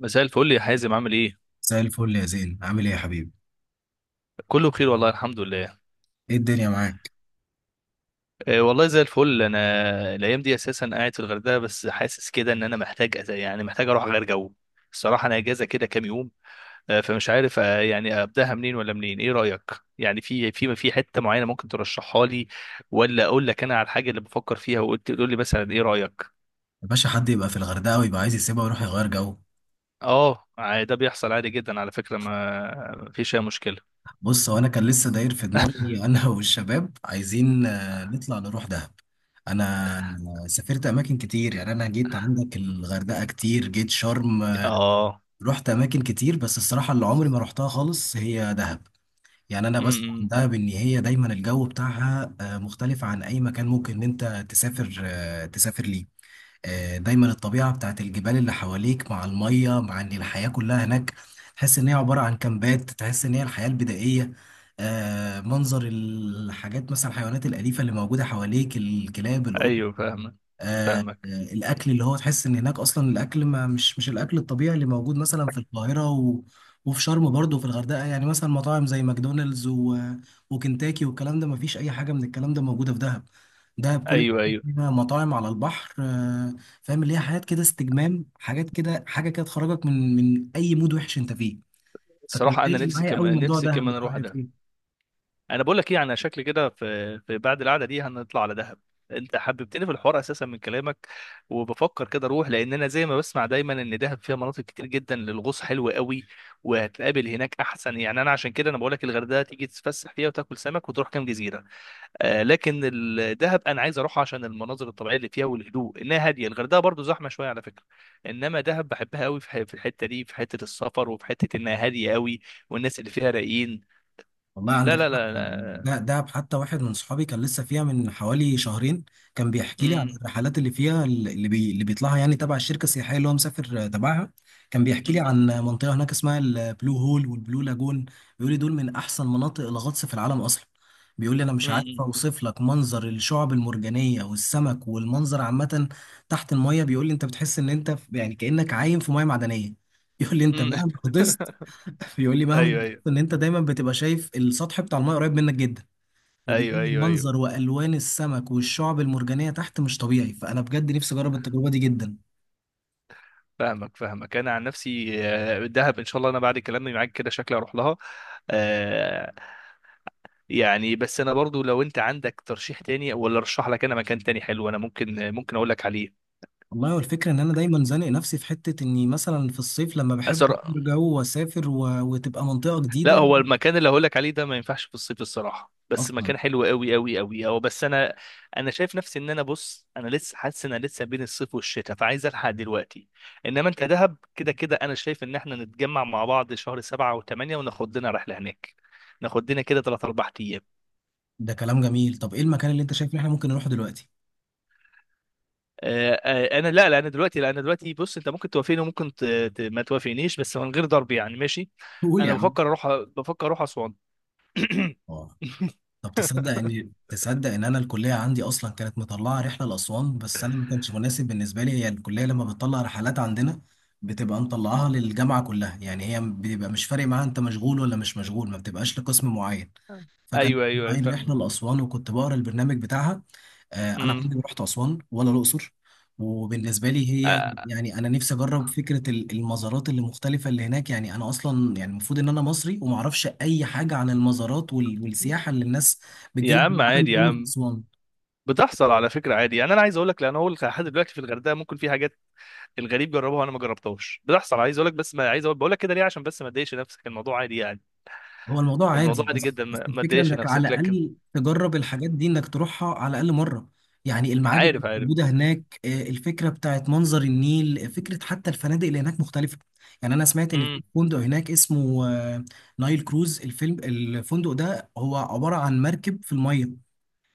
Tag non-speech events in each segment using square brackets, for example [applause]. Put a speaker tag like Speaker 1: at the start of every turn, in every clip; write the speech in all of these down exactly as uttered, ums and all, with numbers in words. Speaker 1: مساء الفل يا حازم، عامل ايه؟
Speaker 2: زي الفل يا زين، عامل ايه يا حبيبي؟
Speaker 1: كله بخير والله، الحمد لله.
Speaker 2: ايه الدنيا معاك؟
Speaker 1: آه، والله زي الفل انا. الايام دي اساسا قاعد في الغردقه، بس حاسس كده ان انا محتاج أز- يعني محتاج اروح اغير جو. الصراحه انا اجازه كده كام يوم. آه، فمش عارف، آه، يعني ابداها منين ولا منين، ايه رايك؟ يعني في في في حته معينه ممكن ترشحها لي؟ ولا اقول لك انا على الحاجه اللي بفكر فيها وقلت تقول لي مثلا ايه رايك.
Speaker 2: يا باشا، حد يبقى في الغردقه ويبقى عايز يسيبها ويروح يغير جو؟
Speaker 1: اه ع- ده بيحصل عادي جدا على فكره. ما ما فيش اي مشكله.
Speaker 2: بص، هو انا كان لسه داير في دماغي انا [laughs] والشباب عايزين، آه، نطلع نروح دهب. انا سافرت اماكن كتير، يعني انا جيت عندك الغردقه كتير، جيت شرم آه،
Speaker 1: اه.
Speaker 2: رحت اماكن كتير، بس الصراحه اللي عمري ما رحتها خالص هي دهب. يعني انا بسمع
Speaker 1: امم.
Speaker 2: عن دهب ان هي دايما الجو بتاعها آه، مختلف عن اي مكان ممكن ان انت تسافر آه، تسافر ليه. آه، دايما الطبيعة بتاعت الجبال اللي حواليك مع المية، مع ان الحياة كلها هناك تحس ان هي عبارة عن كامبات، تحس ان هي الحياة البدائية. آه، منظر الحاجات، مثلا الحيوانات الأليفة اللي موجودة حواليك، الكلاب، القط
Speaker 1: ايوه، فاهمك.
Speaker 2: آه، آه،
Speaker 1: فاهمك.
Speaker 2: الاكل اللي هو تحس ان هناك اصلا الاكل ما مش مش الاكل الطبيعي اللي موجود مثلا في القاهره و... وفي شرم برضه وفي الغردقه، يعني مثلا مطاعم زي ماكدونالدز و... وكنتاكي، والكلام ده ما فيش اي حاجه من الكلام ده موجوده في دهب. دهب كل
Speaker 1: ايوه، ايوه.
Speaker 2: فيها مطاعم على البحر آه، فاهم اللي هي حاجات كده استجمام، حاجات كده، حاجه كده تخرجك من من اي مود وحش انت فيه. فكان
Speaker 1: الصراحه انا
Speaker 2: فارق
Speaker 1: نفسي
Speaker 2: معايا قوي
Speaker 1: كمان،
Speaker 2: موضوع
Speaker 1: نفسي
Speaker 2: دهب ده،
Speaker 1: كمان اروح
Speaker 2: رايك
Speaker 1: دهب.
Speaker 2: إيه؟
Speaker 1: انا بقول لك ايه، انا شكلي كده في في بعد القعده دي هنطلع على دهب. انت حببتني في الحوار اساسا من كلامك. وبفكر كده اروح، لان انا زي ما بسمع دايما ان دهب فيها مناطق كتير جدا للغوص حلوه قوي. وهتقابل هناك احسن. يعني انا عشان كده انا بقول لك الغردقه تيجي تتفسح فيها وتاكل سمك وتروح كام جزيره، آه، لكن الدهب انا عايز اروح عشان المناظر الطبيعيه اللي فيها والهدوء، انها هاديه. الغردقه برضو زحمه شويه على فكره. انما دهب بحبها قوي في ح- في الحته دي، في حته السفر وفي حته انها هاديه قوي. والناس اللي فيها رايقين.
Speaker 2: والله
Speaker 1: لا،
Speaker 2: عندك
Speaker 1: لا،
Speaker 2: حق،
Speaker 1: لا،
Speaker 2: يعني
Speaker 1: لا.
Speaker 2: ده دهب. حتى واحد من صحابي كان لسه فيها من حوالي شهرين، كان بيحكي لي عن
Speaker 1: امم.
Speaker 2: الرحلات اللي فيها اللي, بي اللي بيطلعها، يعني تبع الشركة السياحية اللي هو مسافر تبعها. كان بيحكي لي عن منطقة هناك اسمها البلو هول والبلو لاجون، بيقول لي دول من أحسن مناطق الغطس في العالم أصلا. بيقول لي أنا مش عارف
Speaker 1: امم.
Speaker 2: أوصف لك منظر الشعب المرجانية والسمك والمنظر عامة تحت المية. بيقول لي أنت بتحس إن أنت في- يعني كأنك عايم في مية معدنية. [laughs] بيقول لي أنت
Speaker 1: امم.
Speaker 2: مهما غطست،
Speaker 1: [laughs]
Speaker 2: [laughs] بيقول لي مهما
Speaker 1: ايوه، ايوه،
Speaker 2: ان انت دايما بتبقى شايف السطح بتاع الماء قريب منك جدا،
Speaker 1: ايوه.
Speaker 2: وبيكون
Speaker 1: ايوه، ايوه،
Speaker 2: المنظر والوان السمك والشعب المرجانيه تحت مش طبيعي. فانا بجد نفسي اجرب التجربه دي جدا.
Speaker 1: فاهمك. فاهمك. انا عن نفسي، آه، دهب ان شاء الله انا بعد كلامي معاك كده شكلي اروح لها. آه، يعني بس انا برضو لو انت عندك ترشيح تاني، ولا ارشح لك انا مكان تاني حلو انا ممكن، ممكن اقول لك عليه.
Speaker 2: والله، والفكره ان انا دايما زانق نفسي في حته اني مثلا في الصيف لما بحب
Speaker 1: أسر...
Speaker 2: اغير جو واسافر و... وتبقى منطقه
Speaker 1: لا،
Speaker 2: جديده
Speaker 1: هو المكان اللي هقول لك عليه ده ما ينفعش في الصيف الصراحه، بس
Speaker 2: اصلا.
Speaker 1: مكان حلو قوي قوي قوي. هو بس انا، انا شايف نفسي ان انا بص انا لسه حاسس ان انا لسه بين الصيف والشتاء فعايز الحق دلوقتي. انما انت دهب كده كده انا شايف ان احنا نتجمع مع بعض شهر سبعة وثمانية وناخد لنا رحله هناك. ناخد لنا كده ثلاث اربع ايام.
Speaker 2: ده كلام جميل. طب ايه المكان اللي انت شايف ان احنا ممكن نروحه دلوقتي؟
Speaker 1: آه، آه، انا، لا لا، انا دلوقتي، لا، انا دلوقتي بص انت ممكن توافقني وممكن ت... ت- ما توافقنيش، بس من غير ضرب يعني، ماشي.
Speaker 2: تقول يا
Speaker 1: انا
Speaker 2: عم.
Speaker 1: بفكر اروح. بفكر اروح اسوان.
Speaker 2: اه. طب تصدق
Speaker 1: [laughs] [coughs]
Speaker 2: ان تصدق ان انا الكليه عندي اصلا كانت مطلعه رحله لاسوان، بس انا ما كانش مناسب بالنسبه لي. هي الكليه لما بتطلع رحلات عندنا بتبقى مطلعاها للجامعه كلها، يعني هي بيبقى مش فارق معاها انت مشغول ولا مش مشغول، ما بتبقاش لقسم معين. فكان
Speaker 1: ايوه، ايوه، أيوة،
Speaker 2: عايز رحله
Speaker 1: فاهم.
Speaker 2: لاسوان وكنت بقرا البرنامج بتاعها. آه، انا
Speaker 1: امم.
Speaker 2: عمري ما رحت اسوان ولا الاقصر، وبالنسبه لي هي،
Speaker 1: آه.
Speaker 2: يعني انا نفسي اجرب فكره ال- المزارات اللي مختلفه اللي هناك. يعني انا اصلا يعني المفروض ان انا مصري وما اعرفش اي حاجه عن المزارات وال- والسياحه اللي الناس بتجي
Speaker 1: يا
Speaker 2: لها من
Speaker 1: عم
Speaker 2: العالم
Speaker 1: عادي يا
Speaker 2: كله في
Speaker 1: عم.
Speaker 2: اسوان.
Speaker 1: بتحصل على فكره عادي يعني. انا عايز اقول لك، لان هو لحد دلوقتي في الغردقه ممكن في حاجات الغريب جربها انا ما جربتهاش، بتحصل. عايز اقول لك بس ما عايز اقول، بقول لك كده ليه عشان بس ما تضايقش نفسك، الموضوع عادي يعني.
Speaker 2: هو الموضوع
Speaker 1: الموضوع
Speaker 2: عادي،
Speaker 1: عادي
Speaker 2: بس
Speaker 1: جدا،
Speaker 2: بس
Speaker 1: ما ما
Speaker 2: الفكره
Speaker 1: تضايقش
Speaker 2: انك على
Speaker 1: نفسك، لكن
Speaker 2: الاقل تجرب الحاجات دي، انك تروحها على الاقل مره. يعني المعابد اللي
Speaker 1: عارف. عارف.
Speaker 2: موجوده هناك، آه، الفكره بتاعت منظر النيل، آه، فكره حتى الفنادق اللي هناك مختلفه. يعني انا سمعت ان في
Speaker 1: امم.
Speaker 2: فندق هناك اسمه آه، نايل كروز الفيلم. الفندق ده هو عباره عن مركب في الميه.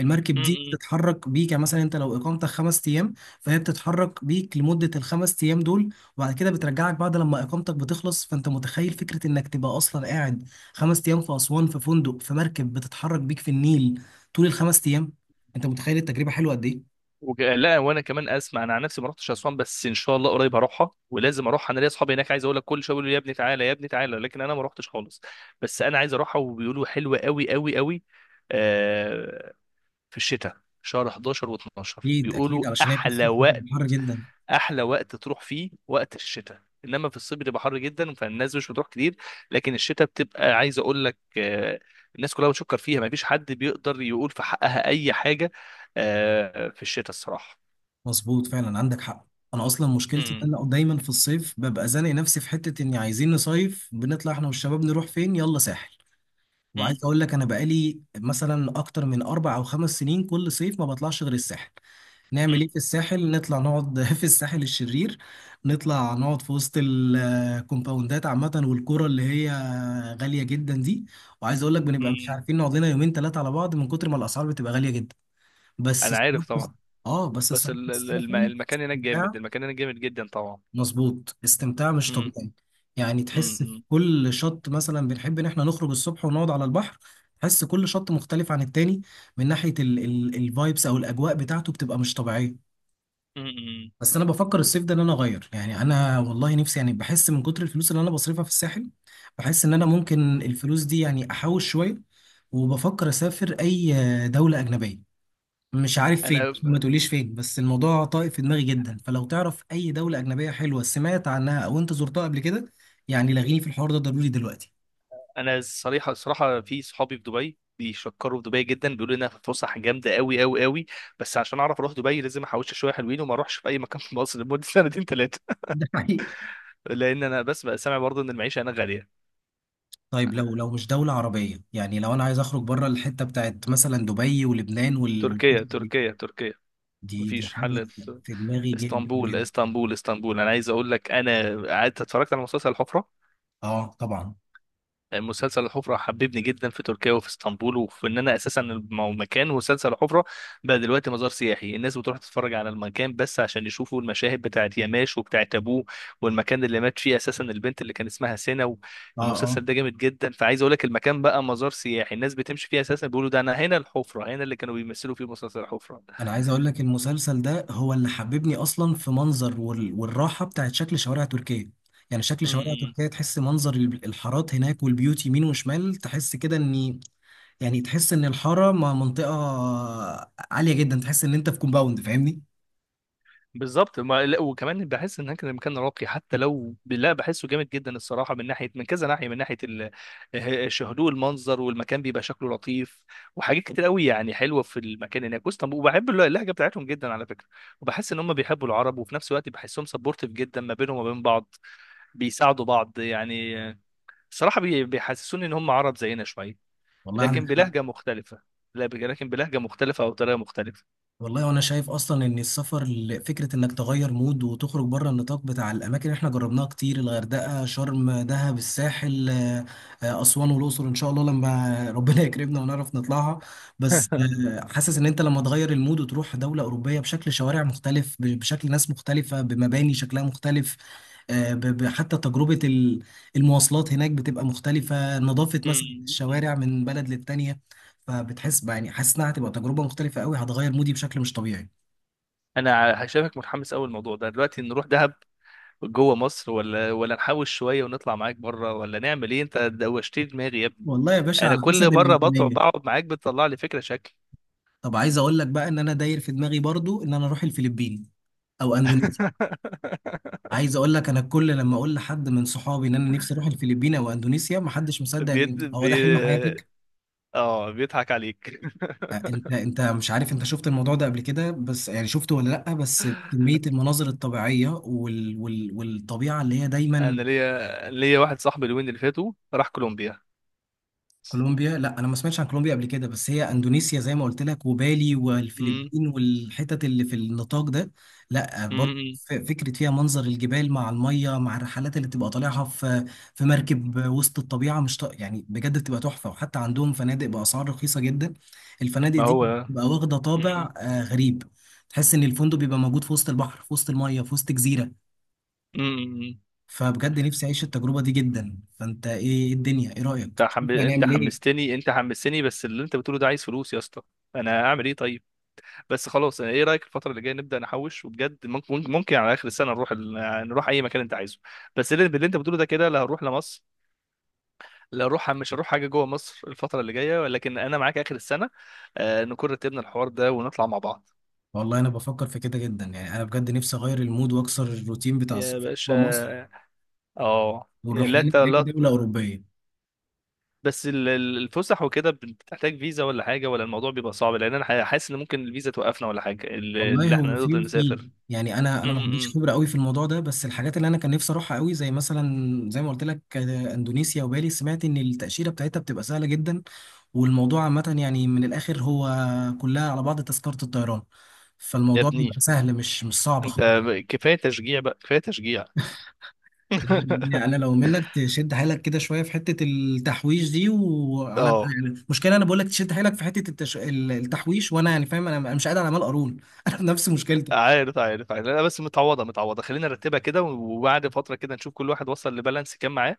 Speaker 2: المركب دي
Speaker 1: امم.
Speaker 2: بتتحرك بيك، يعني مثلا انت لو اقامتك خمس ايام فهي بتتحرك بيك لمده الخمس ايام دول، وبعد كده بترجعك بعد لما اقامتك بتخلص. فانت متخيل فكره انك تبقى اصلا قاعد خمس ايام في اسوان في فندق في مركب بتتحرك بيك في النيل طول الخمس ايام؟ انت متخيل التجربه حلوه قد ايه؟
Speaker 1: وج- لا، وانا كمان اسمع، انا عن نفسي ما رحتش اسوان، بس ان شاء الله قريب هروحها، ولازم اروح. انا ليا اصحابي هناك عايز اقول لك كل شويه بيقولوا لي يا ابني تعالى، يا ابني تعالى، لكن انا ما رحتش خالص. بس انا عايز اروحها، وبيقولوا حلوه قوي قوي قوي. آه في الشتاء شهر حداشر و12
Speaker 2: اكيد اكيد،
Speaker 1: بيقولوا
Speaker 2: علشان هي في
Speaker 1: احلى
Speaker 2: الصيف
Speaker 1: وقت.
Speaker 2: بتبقى حر جدا.
Speaker 1: احلى وقت تروح فيه وقت الشتاء، انما في الصيف بتبقى حر جدا فالناس مش بتروح كتير. لكن الشتاء بتبقى، عايز اقول لك، آه، الناس كلها بتشكر فيها، ما فيش حد بيقدر يقول في حقها اي حاجه. آه، في الشتاء الصراحه.
Speaker 2: مظبوط، فعلا عندك حق. انا اصلا مشكلتي
Speaker 1: امم.
Speaker 2: ان انا دايما في الصيف ببقى زانق نفسي في حته اني عايزين نصيف، بنطلع احنا والشباب نروح فين، يلا ساحل.
Speaker 1: امم.
Speaker 2: وعايز اقول لك انا بقالي مثلا اكتر من اربع او خمس سنين كل صيف ما بطلعش غير الساحل. نعمل ايه في الساحل؟ نطلع نقعد [laughs] في الساحل الشرير، نطلع نقعد في وسط الكومباوندات عامه والقرى اللي هي غاليه جدا دي. وعايز اقول لك بنبقى مش
Speaker 1: امم.
Speaker 2: عارفين نقعد لنا يومين ثلاثه على بعض من كتر ما الاسعار بتبقى غاليه جدا. بس
Speaker 1: انا عارف
Speaker 2: الصراحة-
Speaker 1: طبعا.
Speaker 2: اه بس
Speaker 1: بس
Speaker 2: الصراحه
Speaker 1: ال- ال- الم- المكان هناك جامد،
Speaker 2: الساحل
Speaker 1: المكان هناك جامد جدا طبعا.
Speaker 2: مظبوط، استمتاع مش
Speaker 1: امم.
Speaker 2: طبيعي. يعني تحس في
Speaker 1: امم.
Speaker 2: كل شط، مثلا بنحب ان احنا نخرج الصبح ونقعد على البحر، تحس كل شط مختلف عن التاني من ناحية الفايبس او الاجواء بتاعته، بتبقى مش طبيعية.
Speaker 1: امم.
Speaker 2: بس انا بفكر الصيف ده ان انا اغير، يعني انا والله نفسي يعني بحس من كتر الفلوس اللي انا بصرفها في الساحل، بحس ان انا ممكن الفلوس دي يعني احوش شوية، وبفكر اسافر اي دولة اجنبية. مش عارف فين،
Speaker 1: انا
Speaker 2: ما تقوليش فين، بس الموضوع طايف في دماغي جدا. فلو تعرف اي دولة اجنبية حلوة سمعت عنها او انت زرتها قبل كده، يعني لغيني في الحوار ده ضروري دلوقتي.
Speaker 1: انا الصريحه الصراحه، في صحابي في دبي بيشكروا في دبي جدا، بيقولوا انها فسح جامده قوي قوي قوي. بس عشان اعرف اروح دبي لازم احوش شويه حلوين، وما اروحش في اي مكان في مصر لمده [laughs] سنتين ثلاثه.
Speaker 2: ده حقيقي.
Speaker 1: لان انا بس بقى سامع برضه ان المعيشه هناك غاليه.
Speaker 2: طيب، لو لو مش دولة عربية، يعني لو انا عايز اخرج بره الحتة بتاعت مثلا دبي ولبنان وال
Speaker 1: تركيا،
Speaker 2: والحتت دي،
Speaker 1: تركيا، تركيا.
Speaker 2: دي دي
Speaker 1: مفيش
Speaker 2: حاجة
Speaker 1: حل.
Speaker 2: في دماغي جدا
Speaker 1: اسطنبول،
Speaker 2: جدا.
Speaker 1: اسطنبول، اسطنبول. انا عايز اقول لك انا قعدت اتفرجت على مسلسل الحفره.
Speaker 2: اه طبعا.
Speaker 1: مسلسل الحفرة حببني جدا في تركيا وفي اسطنبول، وفي ان انا اساسا الم- مكان. ومسلسل الحفرة بقى دلوقتي مزار سياحي، الناس بتروح تتفرج على المكان بس عشان يشوفوا المشاهد بتاعت ياماش وبتاعت ابوه والمكان اللي مات فيه اساسا البنت اللي كان اسمها سينا.
Speaker 2: اه اه
Speaker 1: المسلسل ده جامد جدا، فعايز اقول لك المكان بقى مزار سياحي، الناس بتمشي فيه اساسا بيقولوا ده انا هنا الحفرة، هنا اللي كانوا بيمثلوا فيه مسلسل الحفرة.
Speaker 2: انا عايز اقول لك المسلسل ده هو اللي حببني اصلا في منظر وال- والراحه بتاعت شكل شوارع تركيا. يعني شكل
Speaker 1: م-
Speaker 2: شوارع
Speaker 1: م.
Speaker 2: تركيا، تحس منظر ال- الحارات هناك والبيوت يمين وشمال، تحس كده ان، يعني تحس ان الحاره ما- منطقه عاليه جدا، تحس ان انت في كومباوند، فاهمني؟
Speaker 1: بالظبط. ما لا، وكمان بحس ان كان المكان راقي حتى، لو لا بحسه جامد جدا الصراحه من ناحيه، من كذا ناحيه، من ناحيه ال- ش- هدوء المنظر، والمكان بيبقى شكله لطيف. وحاجات كتير قوي يعني حلوه في المكان هناك واسطنبول، وبحب الل- اللهجه بتاعتهم جدا على فكره. وبحس ان هم بيحبوا العرب، وفي نفس الوقت بحسهم سبورتيف جدا ما بينهم وما بين بعض، بيساعدوا بعض يعني. آه، الصراحه بي- بيحسسوني ان هم عرب زينا شويه،
Speaker 2: والله عندك
Speaker 1: لكن
Speaker 2: حق.
Speaker 1: بلهجه مختلفه. لا، ب- لكن بلهجه مختلفه او طريقه مختلفه.
Speaker 2: والله وانا شايف اصلا ان السفر ل- فكره انك تغير مود وتخرج بره النطاق بتاع الاماكن اللي احنا جربناها كتير، الغردقه، شرم، دهب، الساحل، آه، آه، اسوان والاقصر ان شاء الله لما [laughs] ربنا يكرمنا ونعرف نطلعها. بس آه، حاسس ان انت لما تغير المود وتروح دوله اوروبيه بشكل شوارع مختلف، ب- بشكل ناس مختلفه، بمباني شكلها مختلف، آه، ب- ب- حتى تجربه ال- المواصلات هناك بتبقى مختلفه، نظافه مثلا
Speaker 1: [laughs]
Speaker 2: الشوارع من بلد للتانيه. فبتحس بقى، يعني حاسس انها هتبقى تجربه مختلفه قوي، هتغير مودي بشكل مش طبيعي.
Speaker 1: انا شايفك متحمس قوي الموضوع ده دلوقتي. نروح دهب جوه مصر، ولا ولا نحوش شويه ونطلع معاك بره، ولا نعمل ايه؟ انت دوشتني دماغي يا ابني.
Speaker 2: والله يا باشا
Speaker 1: انا
Speaker 2: على حسب
Speaker 1: كل مره بطلع
Speaker 2: الامكانيه.
Speaker 1: بقعد معاك بتطلع لي فكره شكل.
Speaker 2: طب عايز اقول لك بقى ان انا داير في دماغي برضو ان انا اروح الفلبين او اندونيسيا.
Speaker 1: [laughs]
Speaker 2: عايز اقول لك انا كل لما اقول لحد من صحابي ان انا نفسي اروح الفلبين او اندونيسيا محدش مصدق
Speaker 1: بيت
Speaker 2: ان هو
Speaker 1: بي...
Speaker 2: ده حلم حياتك.
Speaker 1: اه، بيضحك عليك.
Speaker 2: آه، انت انت مش عارف، انت شفت الموضوع ده قبل كده بس يعني، شفته ولا لا؟ بس كميه المناظر الطبيعيه وال... وال... والطبيعه اللي هي دايما.
Speaker 1: انا ليا ليا واحد صاحبي الوين اللي فاتوا راح كولومبيا.
Speaker 2: كولومبيا؟ لا انا ما سمعتش عن كولومبيا قبل كده، بس هي اندونيسيا زي ما قلت لك، وبالي
Speaker 1: امم.
Speaker 2: والفلبين والحتت اللي في النطاق ده، لا برضه
Speaker 1: امم.
Speaker 2: ف- فكره فيها منظر الجبال مع الميه مع الرحلات اللي بتبقى طالعها في في مركب وسط الطبيعه، مش ط... يعني بجد بتبقى تحفه، وحتى عندهم فنادق باسعار رخيصه جدا. الفنادق
Speaker 1: ما
Speaker 2: دي
Speaker 1: هو.
Speaker 2: بتبقى واخده
Speaker 1: امم.
Speaker 2: طابع آه، غريب، تحس ان الفندق بيبقى موجود في وسط البحر، في وسط الميه، في وسط جزيره.
Speaker 1: امم.
Speaker 2: فبجد نفسي اعيش التجربه دي جدا. فانت ايه؟ إيه الدنيا، ايه رايك؟
Speaker 1: انت
Speaker 2: شوف
Speaker 1: حم... انت
Speaker 2: هنعمل ايه.
Speaker 1: حمستني، انت حمستني، بس اللي انت بتقوله ده عايز فلوس يا اسطى. انا اعمل ايه طيب؟ بس خلاص، يعني ايه رايك الفتره اللي جايه نبدا نحوش، وبجد ممكن، ممكن، ممكن على اخر السنه نروح ال... يعني نروح اي مكان انت عايزه. بس اللي اللي انت بتقوله ده كده لا هروح لمصر. لا هروح، مش هروح حاجه جوه مصر الفتره اللي جايه، ولكن انا معاك اخر السنه. آه نكون رتبنا الحوار ده ونطلع مع بعض.
Speaker 2: والله انا بفكر في كده جدا، يعني انا بجد نفسي اغير المود واكسر الروتين بتاع
Speaker 1: يا
Speaker 2: السفر جوه مصر
Speaker 1: باشا. اه يعني
Speaker 2: ونروح
Speaker 1: لا
Speaker 2: لنا
Speaker 1: ت-
Speaker 2: اي
Speaker 1: لا
Speaker 2: دوله
Speaker 1: ت-
Speaker 2: اوروبيه.
Speaker 1: بس ال- ال- الفسح وكده بتحتاج فيزا ولا حاجه، ولا الموضوع بيبقى صعب؟ لان انا ح- حاسس ان ممكن الفيزا توقفنا ولا حاجه اللي
Speaker 2: والله
Speaker 1: اللي
Speaker 2: هو
Speaker 1: احنا
Speaker 2: في
Speaker 1: نقدر
Speaker 2: وفي،
Speaker 1: نسافر.
Speaker 2: يعني انا
Speaker 1: م-
Speaker 2: انا ما
Speaker 1: م-
Speaker 2: عنديش
Speaker 1: م.
Speaker 2: خبره قوي في الموضوع ده، بس الحاجات اللي انا كان نفسي اروحها قوي زي مثلا زي ما قلت لك، آه، اندونيسيا وبالي، سمعت ان التاشيره بتاعتها بتبقى سهله جدا، والموضوع عامه يعني من الاخر هو كلها على بعض تذكره الطيران،
Speaker 1: يا
Speaker 2: فالموضوع بيبقى
Speaker 1: ابني
Speaker 2: سهل، مش مش صعب
Speaker 1: انت
Speaker 2: خالص.
Speaker 1: ب- كفايه تشجيع بقى، كفايه تشجيع.
Speaker 2: يعني انا لو منك
Speaker 1: [laughs]
Speaker 2: تشد حيلك كده شويه في حته التحويش دي وعلى،
Speaker 1: اه
Speaker 2: يعني مشكله، انا بقول لك تشد حيلك في حته التش... ال- التحويش، وانا يعني فاهم انا، أنا مش قادر على مال قارون، [laughs] انا نفس مشكلتك.
Speaker 1: عارف، عارف، عارف. لا، بس متعوضه، متعوضه، خلينا نرتبها كده، وبعد فتره كده نشوف كل واحد وصل لبالانس كام معاه،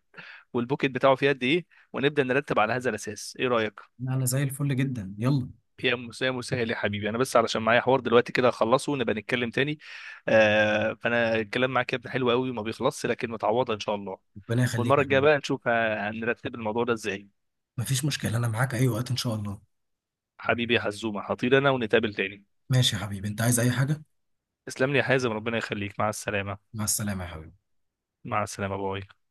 Speaker 1: والبوكيت بتاعه فيه قد ايه، ونبدا نرتب على هذا الاساس. ايه رايك؟
Speaker 2: لا، انا زي الفل جدا، يلا.
Speaker 1: يا مسا يا مسهل يا حبيبي، انا بس علشان معايا حوار دلوقتي كده اخلصه ونبقى نتكلم تاني. آه فانا الكلام معاك يا ابني حلو قوي وما بيخلصش، لكن متعوضه ان شاء الله.
Speaker 2: ربنا يخليك
Speaker 1: والمره
Speaker 2: يا
Speaker 1: الجايه
Speaker 2: حبيبي.
Speaker 1: بقى نشوف ه- هنرتب الموضوع ده ازاي.
Speaker 2: مفيش مشكله، انا معاك اي وقت ان شاء الله.
Speaker 1: حبيبي يا حزومه، هطير انا ونتقابل تاني.
Speaker 2: ماشي يا حبيبي، انت عايز اي حاجه؟
Speaker 1: تسلم لي يا حازم، ربنا يخليك، مع السلامه.
Speaker 2: مع السلامه يا حبيبي.
Speaker 1: مع السلامه. باي.